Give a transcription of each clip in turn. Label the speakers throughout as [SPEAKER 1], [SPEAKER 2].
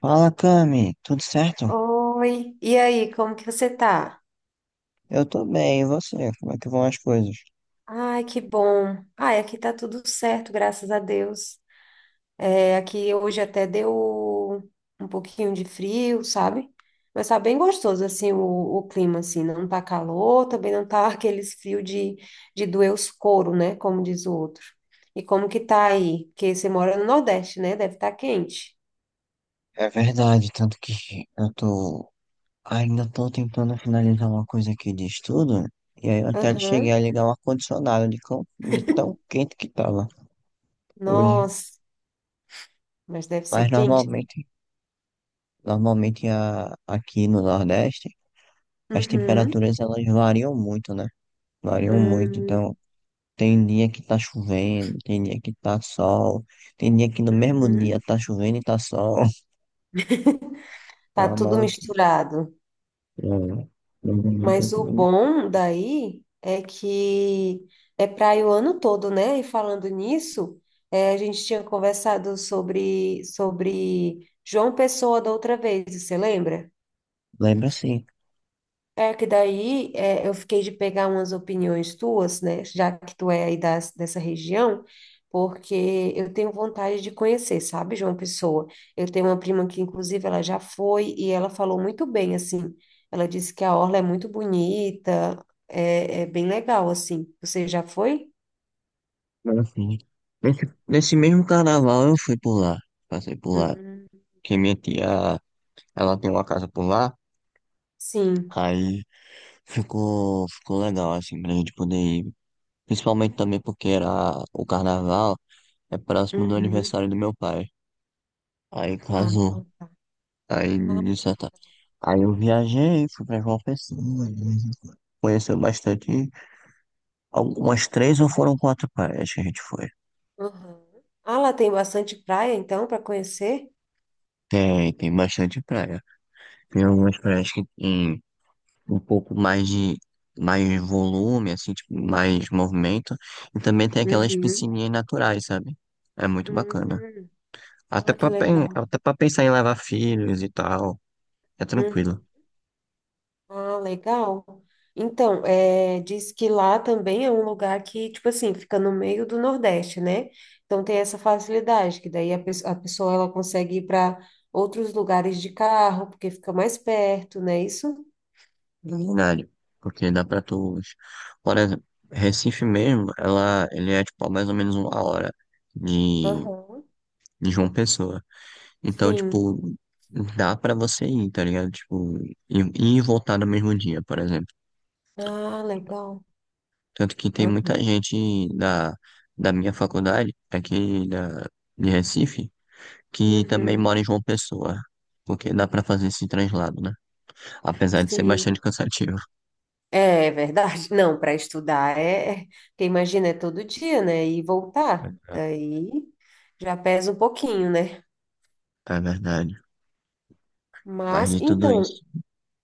[SPEAKER 1] Fala, Cami, tudo certo?
[SPEAKER 2] Oi, e aí, como que você tá?
[SPEAKER 1] Eu tô bem, e você? Como é que vão as coisas?
[SPEAKER 2] Ai, que bom. Ai, aqui tá tudo certo, graças a Deus. É, aqui hoje até deu um pouquinho de frio, sabe? Mas tá bem gostoso, assim, o clima, assim, não tá calor, também não tá aqueles frio de doer os couro, né, como diz o outro. E como que tá aí? Porque você mora no Nordeste, né? Deve estar quente.
[SPEAKER 1] É verdade, tanto que eu tô. Ainda tô tentando finalizar uma coisa aqui de estudo, e aí eu até cheguei
[SPEAKER 2] Aham.
[SPEAKER 1] a ligar o ar-condicionado de tão quente que tava hoje.
[SPEAKER 2] Nossa, mas deve ser
[SPEAKER 1] Mas
[SPEAKER 2] quente. Né?
[SPEAKER 1] normalmente aqui no Nordeste, as
[SPEAKER 2] Uhum.
[SPEAKER 1] temperaturas elas variam muito, né? Variam muito,
[SPEAKER 2] Hum,
[SPEAKER 1] então tem dia que tá chovendo, tem dia que tá sol, tem dia que no mesmo dia
[SPEAKER 2] uhum.
[SPEAKER 1] tá chovendo e tá sol.
[SPEAKER 2] Tá
[SPEAKER 1] Uma
[SPEAKER 2] tudo
[SPEAKER 1] maluquice.
[SPEAKER 2] misturado.
[SPEAKER 1] Não, não vou nem
[SPEAKER 2] Mas
[SPEAKER 1] tentar.
[SPEAKER 2] o bom daí é que é praia o ano todo, né? E falando nisso, a gente tinha conversado sobre João Pessoa da outra vez, você lembra?
[SPEAKER 1] Lembra assim.
[SPEAKER 2] É que daí é, eu fiquei de pegar umas opiniões tuas, né? Já que tu é aí dessa região, porque eu tenho vontade de conhecer, sabe, João Pessoa? Eu tenho uma prima que, inclusive, ela já foi e ela falou muito bem, assim. Ela disse que a orla é muito bonita, é bem legal, assim. Você já foi?
[SPEAKER 1] Lembra assim. Nesse mesmo carnaval eu fui por lá. Passei por lá.
[SPEAKER 2] Uhum.
[SPEAKER 1] Que minha tia, ela tem uma casa por lá.
[SPEAKER 2] Sim.
[SPEAKER 1] Aí ficou legal, assim, pra gente poder ir. Principalmente também porque era o carnaval, é próximo do
[SPEAKER 2] Uhum.
[SPEAKER 1] aniversário do meu pai. Aí
[SPEAKER 2] Ah,
[SPEAKER 1] casou.
[SPEAKER 2] tá.
[SPEAKER 1] Aí,
[SPEAKER 2] Ah,
[SPEAKER 1] de certa- aí eu viajei, fui pra João Pessoa. Conheceu bastante. Algumas três ou foram quatro praias que a gente foi.
[SPEAKER 2] uhum. Ah, lá tem bastante praia, então, para conhecer?
[SPEAKER 1] Tem bastante praia. Tem algumas praias que tem um pouco mais de mais volume, assim, tipo, mais movimento. E também tem aquelas
[SPEAKER 2] Uhum.
[SPEAKER 1] piscininhas naturais, sabe? É muito bacana.
[SPEAKER 2] Uhum. Ah, que legal.
[SPEAKER 1] Até pra pensar em levar filhos e tal. É
[SPEAKER 2] Uhum.
[SPEAKER 1] tranquilo.
[SPEAKER 2] Ah, legal. Então, é, diz que lá também é um lugar que, tipo assim, fica no meio do Nordeste, né? Então tem essa facilidade, que daí a pessoa ela consegue ir para outros lugares de carro, porque fica mais perto, né? Isso?
[SPEAKER 1] Na verdade. Porque dá pra tu. Por exemplo, Recife mesmo, ele é tipo a mais ou menos uma hora de,
[SPEAKER 2] Aham.
[SPEAKER 1] de João Pessoa. Então,
[SPEAKER 2] Sim.
[SPEAKER 1] tipo, dá pra você ir, tá ligado? Tipo, ir e voltar no mesmo dia, por exemplo.
[SPEAKER 2] Ah, legal.
[SPEAKER 1] Tanto que tem
[SPEAKER 2] Ah,
[SPEAKER 1] muita gente da minha faculdade, de Recife, que também
[SPEAKER 2] uhum.
[SPEAKER 1] mora em João Pessoa. Porque dá pra fazer esse translado, né? Apesar de ser
[SPEAKER 2] Sim.
[SPEAKER 1] bastante cansativo.
[SPEAKER 2] É verdade. Não, para estudar é, porque imagina, é todo dia, né? E voltar. Aí já pesa um pouquinho, né?
[SPEAKER 1] É verdade. Mas
[SPEAKER 2] Mas,
[SPEAKER 1] de tudo
[SPEAKER 2] então,
[SPEAKER 1] isso.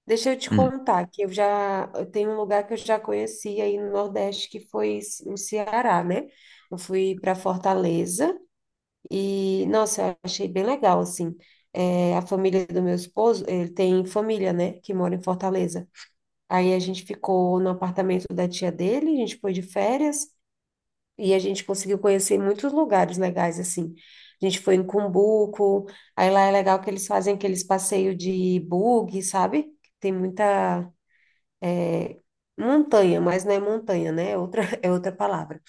[SPEAKER 2] deixa eu te
[SPEAKER 1] Hum.
[SPEAKER 2] contar que eu tenho um lugar que eu já conheci aí no Nordeste que foi no Ceará, né? Eu fui para Fortaleza e, nossa, eu achei bem legal, assim. A família do meu esposo, ele tem família, né, que mora em Fortaleza. Aí a gente ficou no apartamento da tia dele, a gente foi de férias e a gente conseguiu conhecer muitos lugares legais, assim. A gente foi em Cumbuco, aí lá é legal que eles fazem aqueles passeios de buggy, sabe? Tem muita montanha, mas não é montanha, né? É outra, é outra palavra.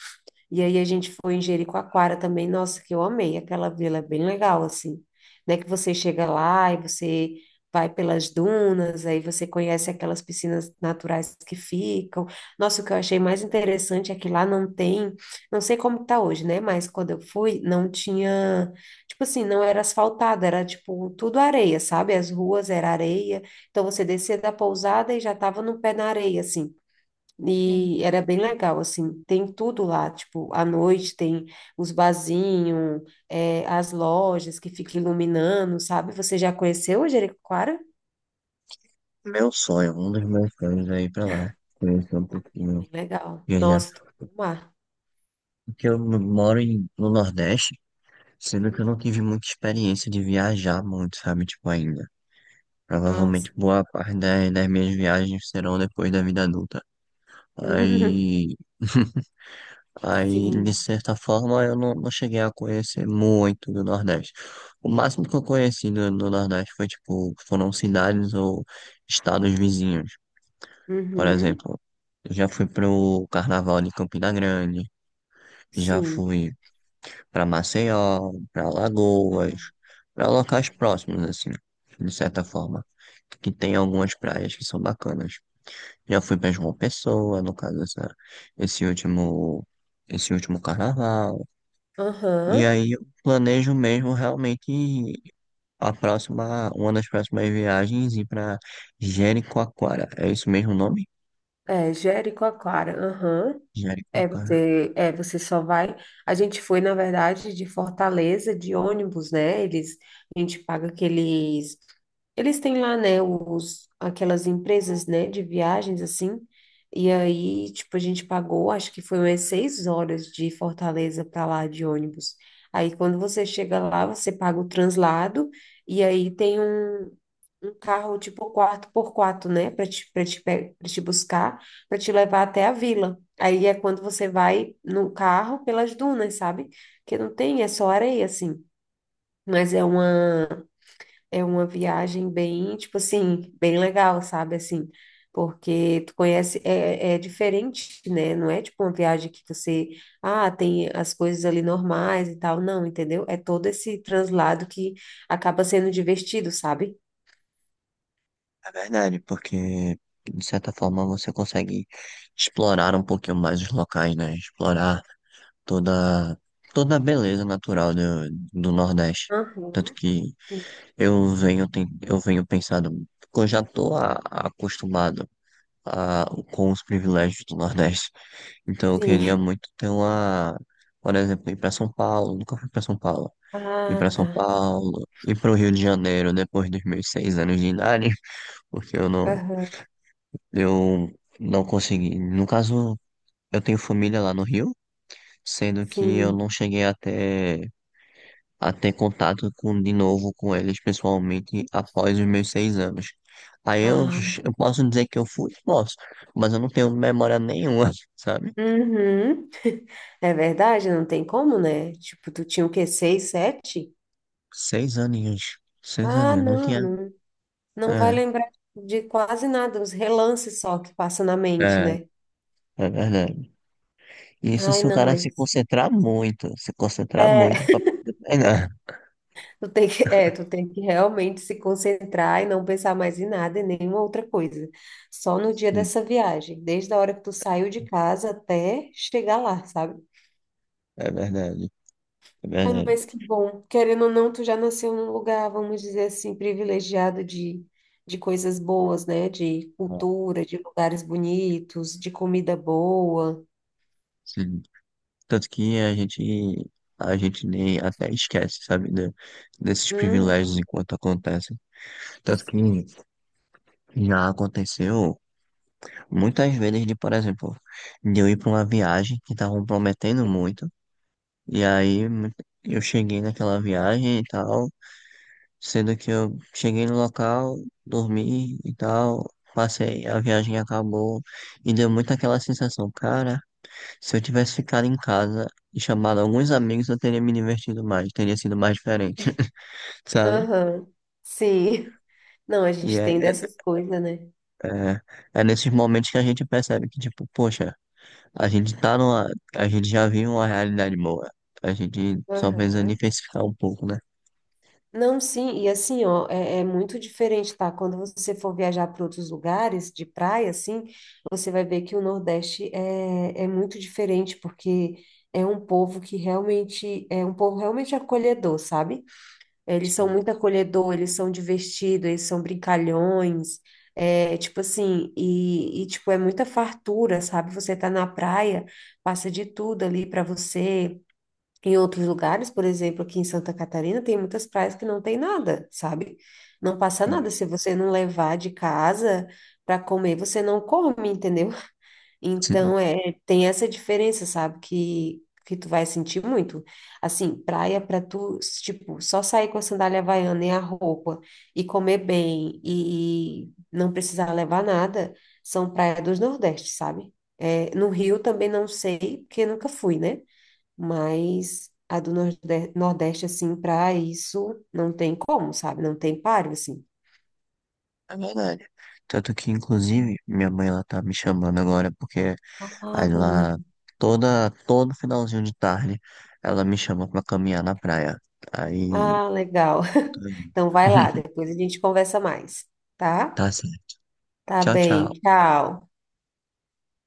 [SPEAKER 2] E aí a gente foi em Jericoacoara também, nossa, que eu amei aquela vila, é bem legal, assim, né, que você chega lá e você vai pelas dunas, aí você conhece aquelas piscinas naturais que ficam, nossa, o que eu achei mais interessante é que lá não tem, não sei como tá hoje, né, mas quando eu fui, não tinha, tipo assim, não era asfaltado, era tipo tudo areia, sabe, as ruas era areia, então você descia da pousada e já tava no pé na areia, assim,
[SPEAKER 1] Sim.
[SPEAKER 2] e era bem legal, assim, tem tudo lá, tipo, à noite tem os barzinhos, é, as lojas que ficam iluminando, sabe? Você já conheceu o Jericoacoara?
[SPEAKER 1] Meu sonho, um dos meus sonhos é ir pra lá. Conhecer um pouquinho.
[SPEAKER 2] Bem legal.
[SPEAKER 1] Viajar.
[SPEAKER 2] Nossa, tô com mar.
[SPEAKER 1] Porque eu moro em- no Nordeste. Sendo que eu não tive muita experiência de viajar muito, sabe? Tipo, ainda.
[SPEAKER 2] Nossa.
[SPEAKER 1] Provavelmente boa parte das minhas viagens serão depois da vida adulta. Aí, aí de
[SPEAKER 2] Sim.
[SPEAKER 1] certa forma, eu não, não cheguei a conhecer muito do Nordeste. O máximo que eu conheci do Nordeste foi, tipo, foram cidades ou estados vizinhos. Por
[SPEAKER 2] Uhum.
[SPEAKER 1] exemplo, eu já fui pro Carnaval de Campina Grande, já
[SPEAKER 2] Sim.
[SPEAKER 1] fui para Maceió, para Lagoas,
[SPEAKER 2] Ah,
[SPEAKER 1] para locais
[SPEAKER 2] legal.
[SPEAKER 1] próximos, assim, de certa forma, que tem algumas praias que são bacanas. Já fui para João Pessoa, no caso, esse último, esse último carnaval. E
[SPEAKER 2] Aham.
[SPEAKER 1] aí eu planejo mesmo realmente uma das próximas viagens ir para Jericoacoara. É isso mesmo o nome?
[SPEAKER 2] É, Jericoacoara. Aham. É,
[SPEAKER 1] Jericoacoara.
[SPEAKER 2] você, é, você só vai. A gente foi, na verdade, de Fortaleza, de ônibus, né? Eles, a gente paga aqueles. Eles têm lá, né, os, aquelas empresas, né, de viagens, assim. E aí, tipo, a gente pagou, acho que foi umas 6 horas de Fortaleza para lá de ônibus. Aí, quando você chega lá, você paga o translado. E aí tem um carro tipo 4 por quatro, né? Pra te buscar, para te levar até a vila. Aí é quando você vai no carro pelas dunas, sabe? Que não tem, é só areia, assim. Mas é uma viagem bem, tipo assim, bem legal, sabe? Assim, porque tu conhece, é diferente, né? Não é tipo uma viagem que você, tem as coisas ali normais e tal. Não, entendeu? É todo esse translado que acaba sendo divertido, sabe?
[SPEAKER 1] É verdade, porque de certa forma você consegue explorar um pouquinho mais os locais, né? Explorar toda, toda a beleza natural do Nordeste. Tanto
[SPEAKER 2] Aham.
[SPEAKER 1] que eu venho pensando, porque eu já estou acostumado a, com os privilégios do Nordeste. Então eu queria
[SPEAKER 2] Sim.
[SPEAKER 1] muito ter uma, por exemplo, ir para São Paulo, nunca fui para São Paulo. Ir
[SPEAKER 2] Ah,
[SPEAKER 1] para São
[SPEAKER 2] tá.
[SPEAKER 1] Paulo, ir para o Rio de Janeiro depois dos meus seis anos de idade, porque
[SPEAKER 2] Aham.
[SPEAKER 1] eu não consegui. No caso, eu tenho família lá no Rio, sendo que eu
[SPEAKER 2] Sim.
[SPEAKER 1] não cheguei até a ter contato com, de novo com eles pessoalmente após os meus seis anos. Aí eu,
[SPEAKER 2] Ah,
[SPEAKER 1] eu posso dizer que eu fui? Posso, mas eu não tenho memória nenhuma, sabe?
[SPEAKER 2] uhum. É verdade, não tem como, né? Tipo, tu tinha o quê? Seis, sete?
[SPEAKER 1] Seis aninhos. Seis
[SPEAKER 2] Ah,
[SPEAKER 1] aninhos, não
[SPEAKER 2] não,
[SPEAKER 1] tinha.
[SPEAKER 2] não. Não vai
[SPEAKER 1] É,
[SPEAKER 2] lembrar de quase nada, os relances só que passam na mente,
[SPEAKER 1] é,
[SPEAKER 2] né?
[SPEAKER 1] é verdade. Isso
[SPEAKER 2] Ai,
[SPEAKER 1] se o
[SPEAKER 2] não,
[SPEAKER 1] cara se
[SPEAKER 2] mas.
[SPEAKER 1] concentrar muito, se concentrar
[SPEAKER 2] É,
[SPEAKER 1] muito pra. É, não.
[SPEAKER 2] tu tem que realmente se concentrar e não pensar mais em nada e nenhuma outra coisa. Só no dia
[SPEAKER 1] Sim,
[SPEAKER 2] dessa viagem, desde a hora que tu saiu de casa até chegar lá, sabe?
[SPEAKER 1] é verdade, é
[SPEAKER 2] Ai,
[SPEAKER 1] verdade.
[SPEAKER 2] mas que bom. Querendo ou não, tu já nasceu num lugar, vamos dizer assim, privilegiado de coisas boas, né? De
[SPEAKER 1] Ah.
[SPEAKER 2] cultura, de lugares bonitos, de comida boa.
[SPEAKER 1] Sim. Tanto que a gente nem até esquece, sabe, desses privilégios
[SPEAKER 2] Uhum.
[SPEAKER 1] enquanto acontecem. Tanto que
[SPEAKER 2] Sim.
[SPEAKER 1] já aconteceu muitas vezes de, por exemplo, de eu ir para uma viagem que estavam prometendo muito, e aí mu- eu cheguei naquela viagem e tal, sendo que eu cheguei no local, dormi e tal, passei, a viagem acabou, e deu muito aquela sensação, cara. Se eu tivesse ficado em casa e chamado alguns amigos, eu teria me divertido mais, teria sido mais diferente, sabe?
[SPEAKER 2] Aham. Sim. Não, a
[SPEAKER 1] E
[SPEAKER 2] gente
[SPEAKER 1] é,
[SPEAKER 2] tem dessas coisas, né?
[SPEAKER 1] é, é, é nesses momentos que a gente percebe que, tipo, poxa, a gente tá numa, a gente já vive uma realidade boa. A gente só precisa
[SPEAKER 2] Aham.
[SPEAKER 1] diversificar um pouco, né?
[SPEAKER 2] Não, sim, e assim, ó, é muito diferente, tá? Quando você for viajar para outros lugares de praia, assim, você vai ver que o Nordeste é muito diferente, porque é um povo realmente acolhedor, sabe? Eles são
[SPEAKER 1] Sim,
[SPEAKER 2] muito acolhedor, eles são divertidos, eles são brincalhões, tipo assim, e, tipo, é muita fartura, sabe? Você tá na praia, passa de tudo ali para você. Em outros lugares, por exemplo, aqui em Santa Catarina, tem muitas praias que não tem nada, sabe? Não passa
[SPEAKER 1] sim.
[SPEAKER 2] nada. Se você não levar de casa para comer, você não come, entendeu?
[SPEAKER 1] Sim.
[SPEAKER 2] Então, é, tem essa diferença, sabe? Que tu vai sentir muito. Assim, praia para tu, tipo, só sair com a sandália havaiana e a roupa e comer bem e não precisar levar nada, são praias dos Nordeste, sabe? É, no Rio também não sei, porque nunca fui, né? Mas a do Nordeste, assim, para isso não tem como, sabe? Não tem páreo, assim.
[SPEAKER 1] É verdade. Tanto que, inclusive, minha mãe, ela tá me chamando agora, porque
[SPEAKER 2] Ah,
[SPEAKER 1] aí
[SPEAKER 2] beleza.
[SPEAKER 1] lá, todo finalzinho de tarde, ela me chama pra caminhar na praia. Aí
[SPEAKER 2] Ah, legal.
[SPEAKER 1] tô indo.
[SPEAKER 2] Então vai lá, depois a gente conversa mais, tá?
[SPEAKER 1] Tá certo.
[SPEAKER 2] Tá
[SPEAKER 1] Tchau,
[SPEAKER 2] bem,
[SPEAKER 1] tchau.
[SPEAKER 2] tchau.